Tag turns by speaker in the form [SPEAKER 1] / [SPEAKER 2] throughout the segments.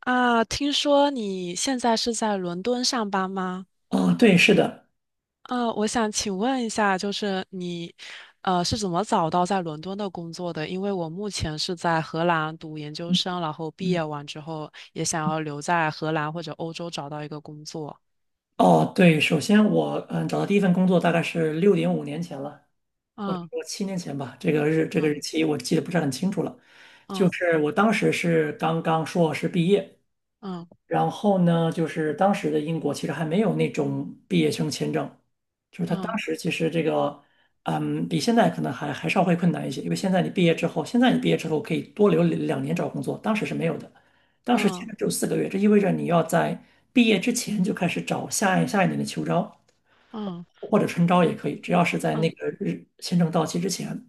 [SPEAKER 1] 啊，听说你现在是在伦敦上班吗？
[SPEAKER 2] 哦，对，是的。
[SPEAKER 1] 啊，我想请问一下，就是你，是怎么找到在伦敦的工作的？因为我目前是在荷兰读研究生，然后毕
[SPEAKER 2] 嗯，
[SPEAKER 1] 业完之后也想要留在荷兰或者欧洲找到一个工作。
[SPEAKER 2] 哦，对，首先我找到第一份工作大概是六点五年前了，或者
[SPEAKER 1] 嗯
[SPEAKER 2] 说七年前吧，这个日
[SPEAKER 1] 嗯
[SPEAKER 2] 期我记得不是很清楚了。就
[SPEAKER 1] 嗯
[SPEAKER 2] 是我当时是刚刚硕士毕业，
[SPEAKER 1] 嗯
[SPEAKER 2] 然后呢，就是当时的英国其实还没有那种毕业生签证，就是他当
[SPEAKER 1] 嗯
[SPEAKER 2] 时其实这个，比现在可能还稍微困难一些，因为现在你毕业之后，现在你毕业之后可以多留两年找工作，当时是没有的，当时签
[SPEAKER 1] 嗯
[SPEAKER 2] 证只有四个月，这意味着你要在毕业之前就开始找下一年的秋招
[SPEAKER 1] 嗯
[SPEAKER 2] 或者春招也
[SPEAKER 1] 嗯
[SPEAKER 2] 可以，只要是在那
[SPEAKER 1] 嗯
[SPEAKER 2] 个日签证到期之前。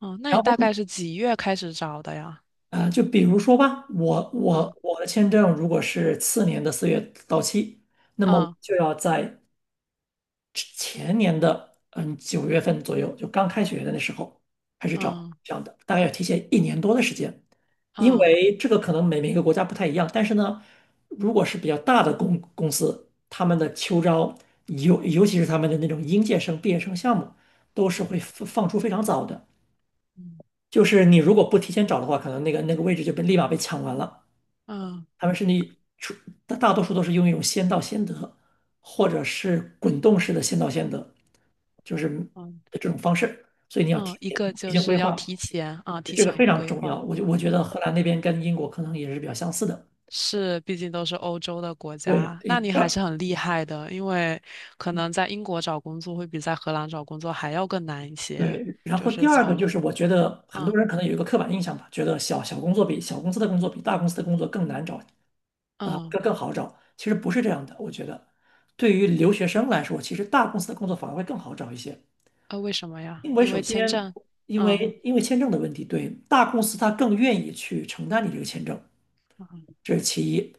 [SPEAKER 1] 嗯，那
[SPEAKER 2] 然
[SPEAKER 1] 你
[SPEAKER 2] 后
[SPEAKER 1] 大概是几月开始找的呀？
[SPEAKER 2] 啊，就比如说吧，
[SPEAKER 1] 嗯
[SPEAKER 2] 我的签证如果是次年的四月到期，那么我
[SPEAKER 1] 嗯
[SPEAKER 2] 就要在前年的九月份左右，就刚开学的那时候开始找
[SPEAKER 1] 嗯
[SPEAKER 2] 这样的，大概要提前一年多的时间，因
[SPEAKER 1] 嗯
[SPEAKER 2] 为这个可能每个国家不太一样，但是呢，如果是比较大的公司，他们的秋招，尤其是他们的那种应届生、毕业生项目，都是会放出非常早的，
[SPEAKER 1] 嗯
[SPEAKER 2] 就是你如果不提前找的话，可能那个位置就被立马被抢完了。
[SPEAKER 1] 嗯嗯。
[SPEAKER 2] 他们甚至出大多数都是用一种先到先得，或者是滚动式的先到先得，就是
[SPEAKER 1] 嗯
[SPEAKER 2] 这种方式。所以你要提
[SPEAKER 1] 嗯，一
[SPEAKER 2] 前
[SPEAKER 1] 个
[SPEAKER 2] 提
[SPEAKER 1] 就
[SPEAKER 2] 前规
[SPEAKER 1] 是要
[SPEAKER 2] 划，
[SPEAKER 1] 提前啊，提
[SPEAKER 2] 这个
[SPEAKER 1] 前
[SPEAKER 2] 非常
[SPEAKER 1] 规
[SPEAKER 2] 重
[SPEAKER 1] 划
[SPEAKER 2] 要。我觉得
[SPEAKER 1] 啊，
[SPEAKER 2] 荷兰那边跟英国可能也是比较相似的。
[SPEAKER 1] 是，毕竟都是欧洲的国
[SPEAKER 2] 对，
[SPEAKER 1] 家，
[SPEAKER 2] 诶
[SPEAKER 1] 那
[SPEAKER 2] 第
[SPEAKER 1] 你还
[SPEAKER 2] 二
[SPEAKER 1] 是很厉害的，因为可能在英国找工作会比在荷兰找工作还要更难一些，
[SPEAKER 2] 对，然
[SPEAKER 1] 就
[SPEAKER 2] 后第
[SPEAKER 1] 是
[SPEAKER 2] 二个
[SPEAKER 1] 从
[SPEAKER 2] 就是我觉得很
[SPEAKER 1] 嗯
[SPEAKER 2] 多人可能有一个刻板印象吧，觉得小公司的工作比大公司的工作更难找啊，
[SPEAKER 1] 嗯
[SPEAKER 2] 更更好找。其实不是这样的，我觉得对于留学生来说，其实大公司的工作反而会更好找一些。
[SPEAKER 1] 啊，为什么呀？
[SPEAKER 2] 因为
[SPEAKER 1] 因
[SPEAKER 2] 首
[SPEAKER 1] 为签
[SPEAKER 2] 先，
[SPEAKER 1] 证，
[SPEAKER 2] 因
[SPEAKER 1] 嗯
[SPEAKER 2] 为因为签证的问题，对，大公司它更愿意去承担你这个签证，这是其一。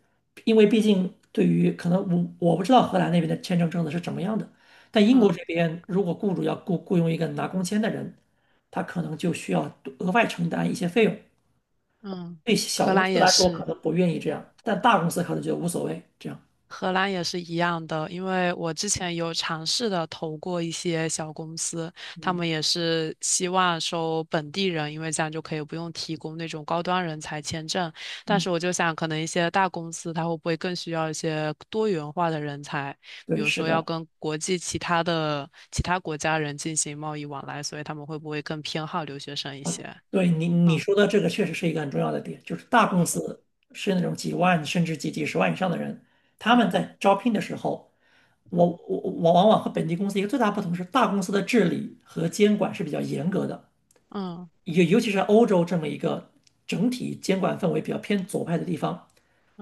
[SPEAKER 2] 因为毕竟对于可能不知道荷兰那边的签证政策是怎么样的，但英国
[SPEAKER 1] 嗯
[SPEAKER 2] 这边如果雇主要雇佣一个拿工签的人，他可能就需要多额外承担一些费用。
[SPEAKER 1] 嗯，
[SPEAKER 2] 对小
[SPEAKER 1] 荷
[SPEAKER 2] 公
[SPEAKER 1] 兰
[SPEAKER 2] 司
[SPEAKER 1] 也
[SPEAKER 2] 来说可
[SPEAKER 1] 是，
[SPEAKER 2] 能不愿意这样，但大公司可能就无所谓这样。
[SPEAKER 1] 荷兰也是一样的，因为我之前有尝试的投过一些小公司，他
[SPEAKER 2] 嗯
[SPEAKER 1] 们也是希望收本地人，因为这样就可以不用提供那种高端人才签证。但
[SPEAKER 2] 嗯，
[SPEAKER 1] 是我就想，可能一些大公司它会不会更需要一些多元化的人才，比
[SPEAKER 2] 对，
[SPEAKER 1] 如
[SPEAKER 2] 是
[SPEAKER 1] 说要
[SPEAKER 2] 的。
[SPEAKER 1] 跟国际其他的其他国家人进行贸易往来，所以他们会不会更偏好留学生一些？
[SPEAKER 2] 啊，对你
[SPEAKER 1] 嗯
[SPEAKER 2] 说的这个确实是一个很重要的点，就是大公
[SPEAKER 1] 嗯
[SPEAKER 2] 司是那种几万甚至几十万以上的人，他们
[SPEAKER 1] 嗯
[SPEAKER 2] 在招聘的时候，我往往和本地公司一个最大不同是，大公司的治理和监管是比较严格的，
[SPEAKER 1] 嗯
[SPEAKER 2] 尤其是欧洲这么一个整体监管氛围比较偏左派的地方，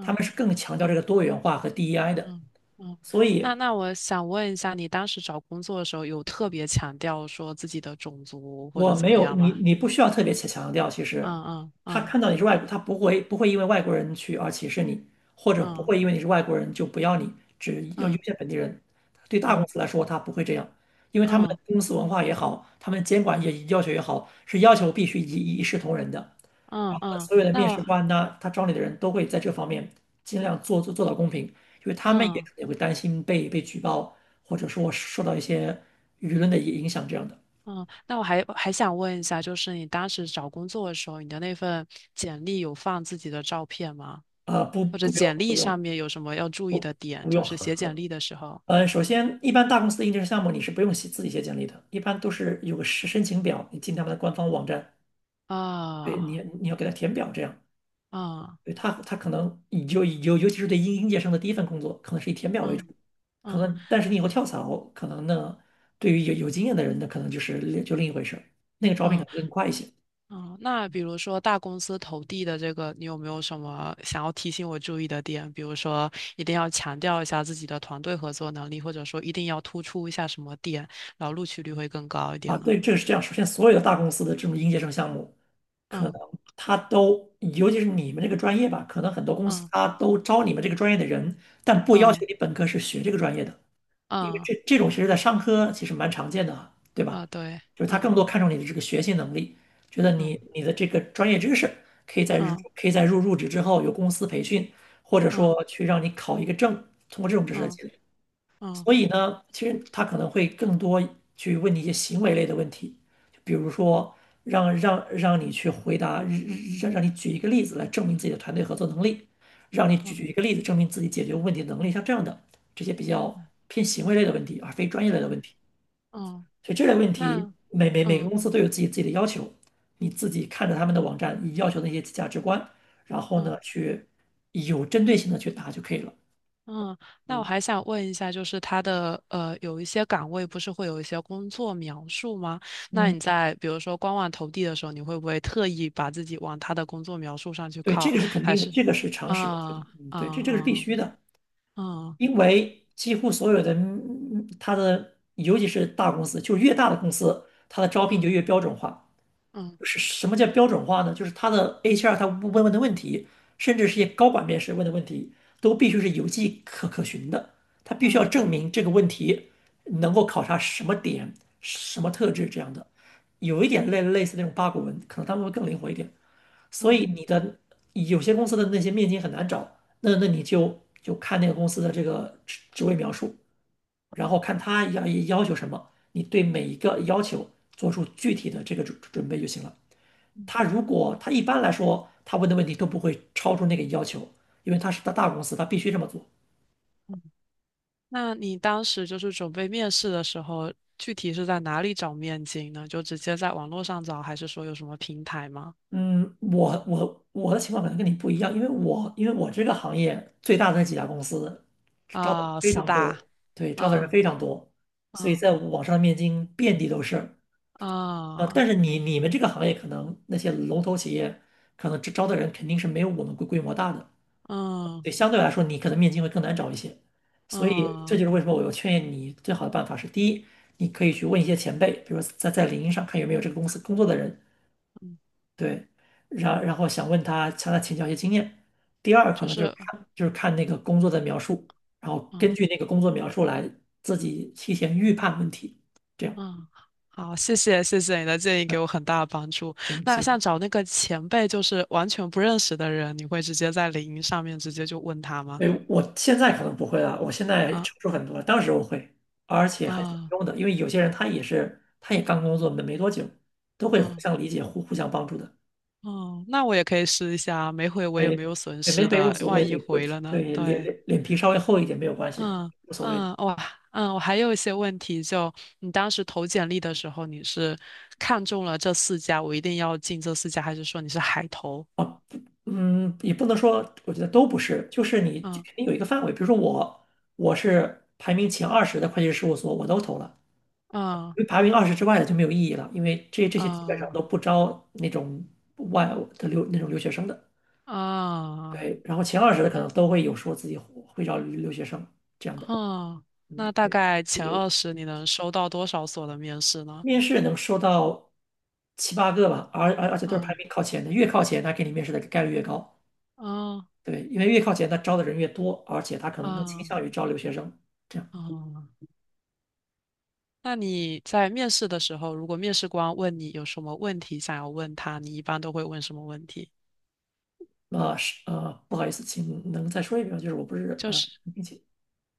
[SPEAKER 2] 他们是更强调这个多元化和 DEI 的，
[SPEAKER 1] 嗯嗯，
[SPEAKER 2] 所
[SPEAKER 1] 那
[SPEAKER 2] 以
[SPEAKER 1] 那我想问一下，你当时找工作的时候有特别强调说自己的种族或者
[SPEAKER 2] 我
[SPEAKER 1] 怎
[SPEAKER 2] 没
[SPEAKER 1] 么
[SPEAKER 2] 有
[SPEAKER 1] 样
[SPEAKER 2] 你，
[SPEAKER 1] 吗？
[SPEAKER 2] 你不需要特别强调。其实，
[SPEAKER 1] 嗯嗯
[SPEAKER 2] 他
[SPEAKER 1] 嗯
[SPEAKER 2] 看到你是外国，他不会因为外国人去而歧视你，或者不
[SPEAKER 1] 嗯
[SPEAKER 2] 会因为你是外国人就不要你，只要优
[SPEAKER 1] 嗯
[SPEAKER 2] 先本地人。对大公司来说，他不会这样，因为他们的
[SPEAKER 1] 嗯
[SPEAKER 2] 公司文化也好，他们监管也要求也好，是要求必须一视同仁的。
[SPEAKER 1] 嗯
[SPEAKER 2] 然后呢，
[SPEAKER 1] 嗯，嗯
[SPEAKER 2] 所有的
[SPEAKER 1] 那
[SPEAKER 2] 面试
[SPEAKER 1] 我
[SPEAKER 2] 官呢，他招你的人都会在这方面尽量做到公平，因为他们也
[SPEAKER 1] 嗯
[SPEAKER 2] 可能也会担心被举报，或者说受到一些舆论的影响这样的。
[SPEAKER 1] 嗯，那我还想问一下，就是你当时找工作的时候，你的那份简历有放自己的照片吗？
[SPEAKER 2] 啊不，
[SPEAKER 1] 或者
[SPEAKER 2] 不用，
[SPEAKER 1] 简
[SPEAKER 2] 不
[SPEAKER 1] 历上
[SPEAKER 2] 用，
[SPEAKER 1] 面有什么要注意
[SPEAKER 2] 不，
[SPEAKER 1] 的点？
[SPEAKER 2] 不
[SPEAKER 1] 就
[SPEAKER 2] 用。
[SPEAKER 1] 是写简历的时候
[SPEAKER 2] 呃，首先，一般大公司的届生项目你是不用写自己写简历的，一般都是有个申请表，你进他们的官方网站，对你
[SPEAKER 1] 啊，
[SPEAKER 2] 你要给他填表，这样，
[SPEAKER 1] 啊
[SPEAKER 2] 对可能你就尤其是对应届生的第一份工作，可能是以填表为
[SPEAKER 1] 嗯
[SPEAKER 2] 主，
[SPEAKER 1] 嗯
[SPEAKER 2] 可能但是你以后跳槽，可能呢，对于有经验的人呢，可能就是另一回事儿，那个招聘可
[SPEAKER 1] 嗯
[SPEAKER 2] 能更快一些。
[SPEAKER 1] 嗯，那比如说大公司投递的这个，你有没有什么想要提醒我注意的点？比如说，一定要强调一下自己的团队合作能力，或者说一定要突出一下什么点，然后录取率会更高一
[SPEAKER 2] 啊，
[SPEAKER 1] 点呢？
[SPEAKER 2] 对，这个是这样。首先，所有的大公司的这种应届生项目，可能
[SPEAKER 1] 嗯
[SPEAKER 2] 他都，尤其是你们这个专业吧，可能很多公司
[SPEAKER 1] 嗯
[SPEAKER 2] 他都招你们这个专业的人，但不要求
[SPEAKER 1] 嗯
[SPEAKER 2] 你本科是学这个专业的，因为
[SPEAKER 1] 嗯嗯
[SPEAKER 2] 这种其实在商科其实蛮常见的啊，对吧？
[SPEAKER 1] 啊，对，
[SPEAKER 2] 就是他
[SPEAKER 1] 嗯
[SPEAKER 2] 更多看重你的这个学习能力，觉得你
[SPEAKER 1] 嗯
[SPEAKER 2] 你的这个专业知识可以
[SPEAKER 1] 嗯
[SPEAKER 2] 可以在入职之后有公司培训，或者
[SPEAKER 1] 嗯
[SPEAKER 2] 说去让你考一个证，通过这种知识的
[SPEAKER 1] 嗯
[SPEAKER 2] 积累。
[SPEAKER 1] 嗯
[SPEAKER 2] 所以呢，其实他可能会更多去问你一些行为类的问题，就比如说让你去回答，你举一个例子来证明自己的团队合作能力，让你举一
[SPEAKER 1] 嗯
[SPEAKER 2] 个例子证明自己解决问题的能力，像这样的这些比较偏行为类的问题，而非专业类的问
[SPEAKER 1] 嗯
[SPEAKER 2] 题。
[SPEAKER 1] 嗯，嗯
[SPEAKER 2] 所以这类问题，
[SPEAKER 1] 那
[SPEAKER 2] 每个
[SPEAKER 1] 嗯
[SPEAKER 2] 公司都有自己的要求，你自己看着他们的网站，你要求的一些价值观，然后呢，
[SPEAKER 1] 嗯。
[SPEAKER 2] 去有针对性的去答就可以了。
[SPEAKER 1] 嗯，那我还想问一下，就是他的有一些岗位不是会有一些工作描述吗？那
[SPEAKER 2] 嗯，
[SPEAKER 1] 你在比如说官网投递的时候，你会不会特意把自己往他的工作描述上去
[SPEAKER 2] 对，
[SPEAKER 1] 靠？
[SPEAKER 2] 这个是肯定的，这个是常识。
[SPEAKER 1] 啊啊
[SPEAKER 2] 对，这个是必
[SPEAKER 1] 啊
[SPEAKER 2] 须的，
[SPEAKER 1] 啊
[SPEAKER 2] 因为几乎所有的它的，尤其是大公司，就越大的公司，它的招聘就越
[SPEAKER 1] 嗯
[SPEAKER 2] 标准化。
[SPEAKER 1] 嗯
[SPEAKER 2] 是什么叫标准化呢？就是它的 HR 他问的问题，甚至是一些高管面试问的问题，都必须是有迹可循的。他必须要
[SPEAKER 1] 嗯
[SPEAKER 2] 证明这个问题能够考察什么点、什么特质这样的。有一点类似那种八股文，可能他们会更灵活一点。所以
[SPEAKER 1] 嗯
[SPEAKER 2] 你的有些公司的那些面经很难找，你就看那个公司的这个职位描述，然后看他求什么，你对每一个要求做出具体的这个准备就行了。他如果他一般来说他问的问题都不会超出那个要求，因为他是大公司，他必须这么做。
[SPEAKER 1] 嗯。那你当时就是准备面试的时候，具体是在哪里找面经呢？就直接在网络上找，还是说有什么平台吗？
[SPEAKER 2] 嗯，我的情况可能跟你不一样，因为我这个行业最大的那几家公司招的人
[SPEAKER 1] 啊，
[SPEAKER 2] 非
[SPEAKER 1] 四
[SPEAKER 2] 常
[SPEAKER 1] 大
[SPEAKER 2] 多，对，招的人
[SPEAKER 1] 啊
[SPEAKER 2] 非常多，所以
[SPEAKER 1] 啊
[SPEAKER 2] 在网上的面经遍地都是。
[SPEAKER 1] 啊
[SPEAKER 2] 呃，但
[SPEAKER 1] 啊
[SPEAKER 2] 是你们这个行业可能那些龙头企业可能招的人肯定是没有我们规模大的，
[SPEAKER 1] 啊。
[SPEAKER 2] 对，相对来说你可能面经会更难找一些。所以这
[SPEAKER 1] 嗯
[SPEAKER 2] 就是为什么我有劝你最好的办法是：第一，你可以去问一些前辈，比如说在领英上看有没有这个公司工作的人，
[SPEAKER 1] 嗯，
[SPEAKER 2] 对，然后想问他向他请教一些经验。第二，可
[SPEAKER 1] 就
[SPEAKER 2] 能就是
[SPEAKER 1] 是，
[SPEAKER 2] 看那个工作的描述，然后根
[SPEAKER 1] 嗯
[SPEAKER 2] 据那个工作描述来自己提前预判问题，这样。
[SPEAKER 1] 嗯，好，谢谢你的建议，给
[SPEAKER 2] 嗯
[SPEAKER 1] 我很大的帮助。
[SPEAKER 2] 行
[SPEAKER 1] 那
[SPEAKER 2] 行，
[SPEAKER 1] 像找那个前辈，就是完全不认识的人，你会直接在领英上面直接就问他吗？
[SPEAKER 2] 对，我现在可能不会了，我现在
[SPEAKER 1] 啊
[SPEAKER 2] 成熟很多了，当时我会，而且还挺
[SPEAKER 1] 啊
[SPEAKER 2] 有用的，因为有些人他也是他也刚工作没多久，都会互
[SPEAKER 1] 啊
[SPEAKER 2] 相理解、互相帮助的。
[SPEAKER 1] 哦，那我也可以试一下，没回我也没
[SPEAKER 2] 对，
[SPEAKER 1] 有损
[SPEAKER 2] 对，没
[SPEAKER 1] 失
[SPEAKER 2] 回无
[SPEAKER 1] 的，
[SPEAKER 2] 所谓，
[SPEAKER 1] 万一
[SPEAKER 2] 对不？
[SPEAKER 1] 回了呢？
[SPEAKER 2] 对，
[SPEAKER 1] 对，
[SPEAKER 2] 脸皮稍微厚一点没有关系的，
[SPEAKER 1] 嗯
[SPEAKER 2] 无所谓的。
[SPEAKER 1] 嗯，哇，嗯，我还有一些问题就，你当时投简历的时候，你是看中了这四家，我一定要进这四家，还是说你是海投？
[SPEAKER 2] 嗯，也不能说，我觉得都不是，就是你肯
[SPEAKER 1] 嗯
[SPEAKER 2] 定有一个范围。比如说我，我是排名前二十的会计师事务所，我都投了，
[SPEAKER 1] 嗯
[SPEAKER 2] 因为排名二十之外的就没有意义了，因为这些基本上
[SPEAKER 1] 嗯
[SPEAKER 2] 都不招那种外的留那种留学生的。
[SPEAKER 1] 啊，
[SPEAKER 2] 对，然后前二十的可能都会有说自己会招留学生这样的。
[SPEAKER 1] 嗯，那
[SPEAKER 2] 嗯，
[SPEAKER 1] 大
[SPEAKER 2] 对，
[SPEAKER 1] 概
[SPEAKER 2] 就
[SPEAKER 1] 前
[SPEAKER 2] 是
[SPEAKER 1] 二十你能收到多少所的面试呢？
[SPEAKER 2] 面试能收到7、8个吧，而且都是排
[SPEAKER 1] 啊
[SPEAKER 2] 名靠前的，越靠前他给你面试的概率越高。
[SPEAKER 1] 啊
[SPEAKER 2] 对，因为越靠前，他招的人越多，而且他可能更倾
[SPEAKER 1] 啊
[SPEAKER 2] 向于招留学生。这样，
[SPEAKER 1] 啊！那你在面试的时候，如果面试官问你有什么问题想要问他，你一般都会问什么问题？
[SPEAKER 2] 那是不好意思，请能再说一遍吗？就是我不是
[SPEAKER 1] 就是
[SPEAKER 2] 并且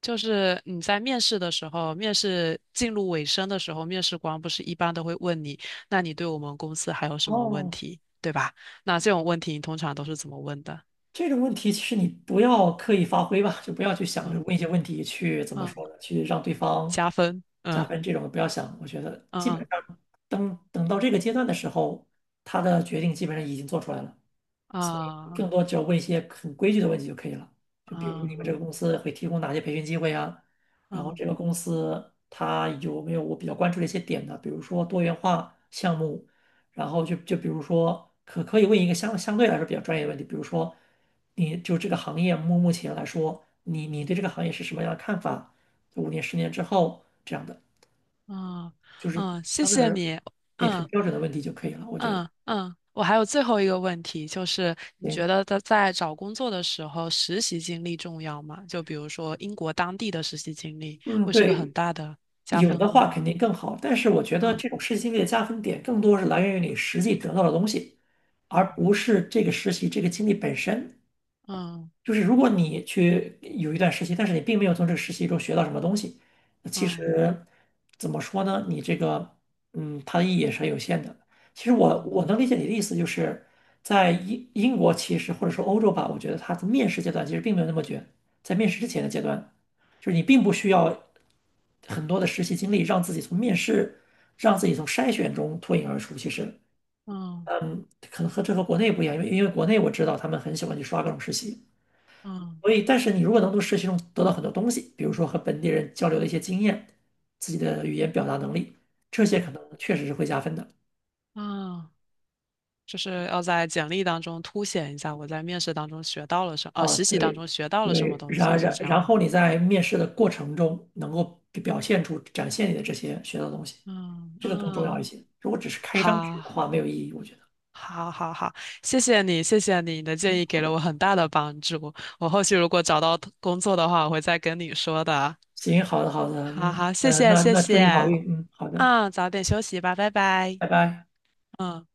[SPEAKER 1] 就是你在面试的时候，面试进入尾声的时候，面试官不是一般都会问你，那你对我们公司还有什么问
[SPEAKER 2] 哦，
[SPEAKER 1] 题，对吧？那这种问题你通常都是怎么问的？
[SPEAKER 2] 这种问题其实你不要刻意发挥吧，就不要去想着
[SPEAKER 1] 嗯
[SPEAKER 2] 问一些问题去怎么
[SPEAKER 1] 嗯，
[SPEAKER 2] 说呢，去让对方
[SPEAKER 1] 加分，
[SPEAKER 2] 加
[SPEAKER 1] 嗯。
[SPEAKER 2] 分这种不要想。我觉得
[SPEAKER 1] 嗯
[SPEAKER 2] 基本
[SPEAKER 1] 嗯
[SPEAKER 2] 上等到这个阶段的时候，他的决定基本上已经做出来了。更
[SPEAKER 1] 啊
[SPEAKER 2] 多只要问一些很规矩的问题就可以了。就比如你们这
[SPEAKER 1] 啊
[SPEAKER 2] 个公司会提供哪些培训机会啊？然后这个
[SPEAKER 1] 啊
[SPEAKER 2] 公司它有没有我比较关注的一些点呢？比如说多元化项目，然后就比如说可以问一个相对来说比较专业的问题，比如说你就这个行业目前来说，你对这个行业是什么样的看法？5年、10年之后这样的，
[SPEAKER 1] 啊
[SPEAKER 2] 就是
[SPEAKER 1] 啊！谢
[SPEAKER 2] 相对来
[SPEAKER 1] 谢
[SPEAKER 2] 说
[SPEAKER 1] 你。
[SPEAKER 2] 对很
[SPEAKER 1] 嗯
[SPEAKER 2] 标准的问题就可以了，我觉得。
[SPEAKER 1] 嗯嗯，我还有最后一个问题，就是你
[SPEAKER 2] 行，
[SPEAKER 1] 觉得在找工作的时候，实习经历重要吗？就比如说英国当地的实习经历，
[SPEAKER 2] 嗯，
[SPEAKER 1] 会是个
[SPEAKER 2] 对，
[SPEAKER 1] 很大的加
[SPEAKER 2] 有
[SPEAKER 1] 分
[SPEAKER 2] 的
[SPEAKER 1] 吗？
[SPEAKER 2] 话肯定更好，但是我觉得
[SPEAKER 1] 嗯
[SPEAKER 2] 这种实习经历的加分点更多是来源于你实际得到的东西，而
[SPEAKER 1] 嗯
[SPEAKER 2] 不是这个实习这个经历本身。
[SPEAKER 1] 嗯
[SPEAKER 2] 就是如果你去有一段实习，但是你并没有从这个实习中学到什么东西，那其
[SPEAKER 1] 嗯
[SPEAKER 2] 实怎么说呢？你这个，嗯，它的意义也是很有限的。其实我
[SPEAKER 1] 嗯
[SPEAKER 2] 我能理解你的意思，就是在英国其实或者说欧洲吧，我觉得它的面试阶段其实并没有那么卷，在面试之前的阶段，就是你并不需要很多的实习经历，让自己从面试，让自己从筛选中脱颖而出。其实，
[SPEAKER 1] 嗯
[SPEAKER 2] 嗯，可能和这和国内不一样，因为国内我知道他们很喜欢去刷各种实习。
[SPEAKER 1] 嗯
[SPEAKER 2] 所以，但是你如果能从实习中得到很多东西，比如说和本地人交流的一些经验，自己的语言表达能力，这些可
[SPEAKER 1] 嗯
[SPEAKER 2] 能确实是会加分的。
[SPEAKER 1] 嗯，就是要在简历当中凸显一下我在面试当中学到了什，呃，
[SPEAKER 2] 啊，
[SPEAKER 1] 实习当
[SPEAKER 2] 对，
[SPEAKER 1] 中学到了什么
[SPEAKER 2] 对，
[SPEAKER 1] 东西，
[SPEAKER 2] 然
[SPEAKER 1] 是
[SPEAKER 2] 然
[SPEAKER 1] 这样
[SPEAKER 2] 然
[SPEAKER 1] 吗？
[SPEAKER 2] 后你在面试的过程中能够表现出、展现你的这些学到的东西，
[SPEAKER 1] 嗯
[SPEAKER 2] 这个更重要
[SPEAKER 1] 嗯
[SPEAKER 2] 一些。如果只是开一张纸的
[SPEAKER 1] 好，
[SPEAKER 2] 话，没有意义，我觉得。
[SPEAKER 1] 好，好，好，谢谢你，谢谢你，你的建议
[SPEAKER 2] 好
[SPEAKER 1] 给了
[SPEAKER 2] 的，
[SPEAKER 1] 我很大的帮助。我后续如果找到工作的话，我会再跟你说的。
[SPEAKER 2] 行，好的，好的，
[SPEAKER 1] 好
[SPEAKER 2] 嗯，
[SPEAKER 1] 好，谢谢，
[SPEAKER 2] 那
[SPEAKER 1] 谢
[SPEAKER 2] 那祝你好
[SPEAKER 1] 谢。
[SPEAKER 2] 运，嗯，好的，
[SPEAKER 1] 嗯，早点休息吧，拜拜。
[SPEAKER 2] 拜拜。
[SPEAKER 1] 嗯。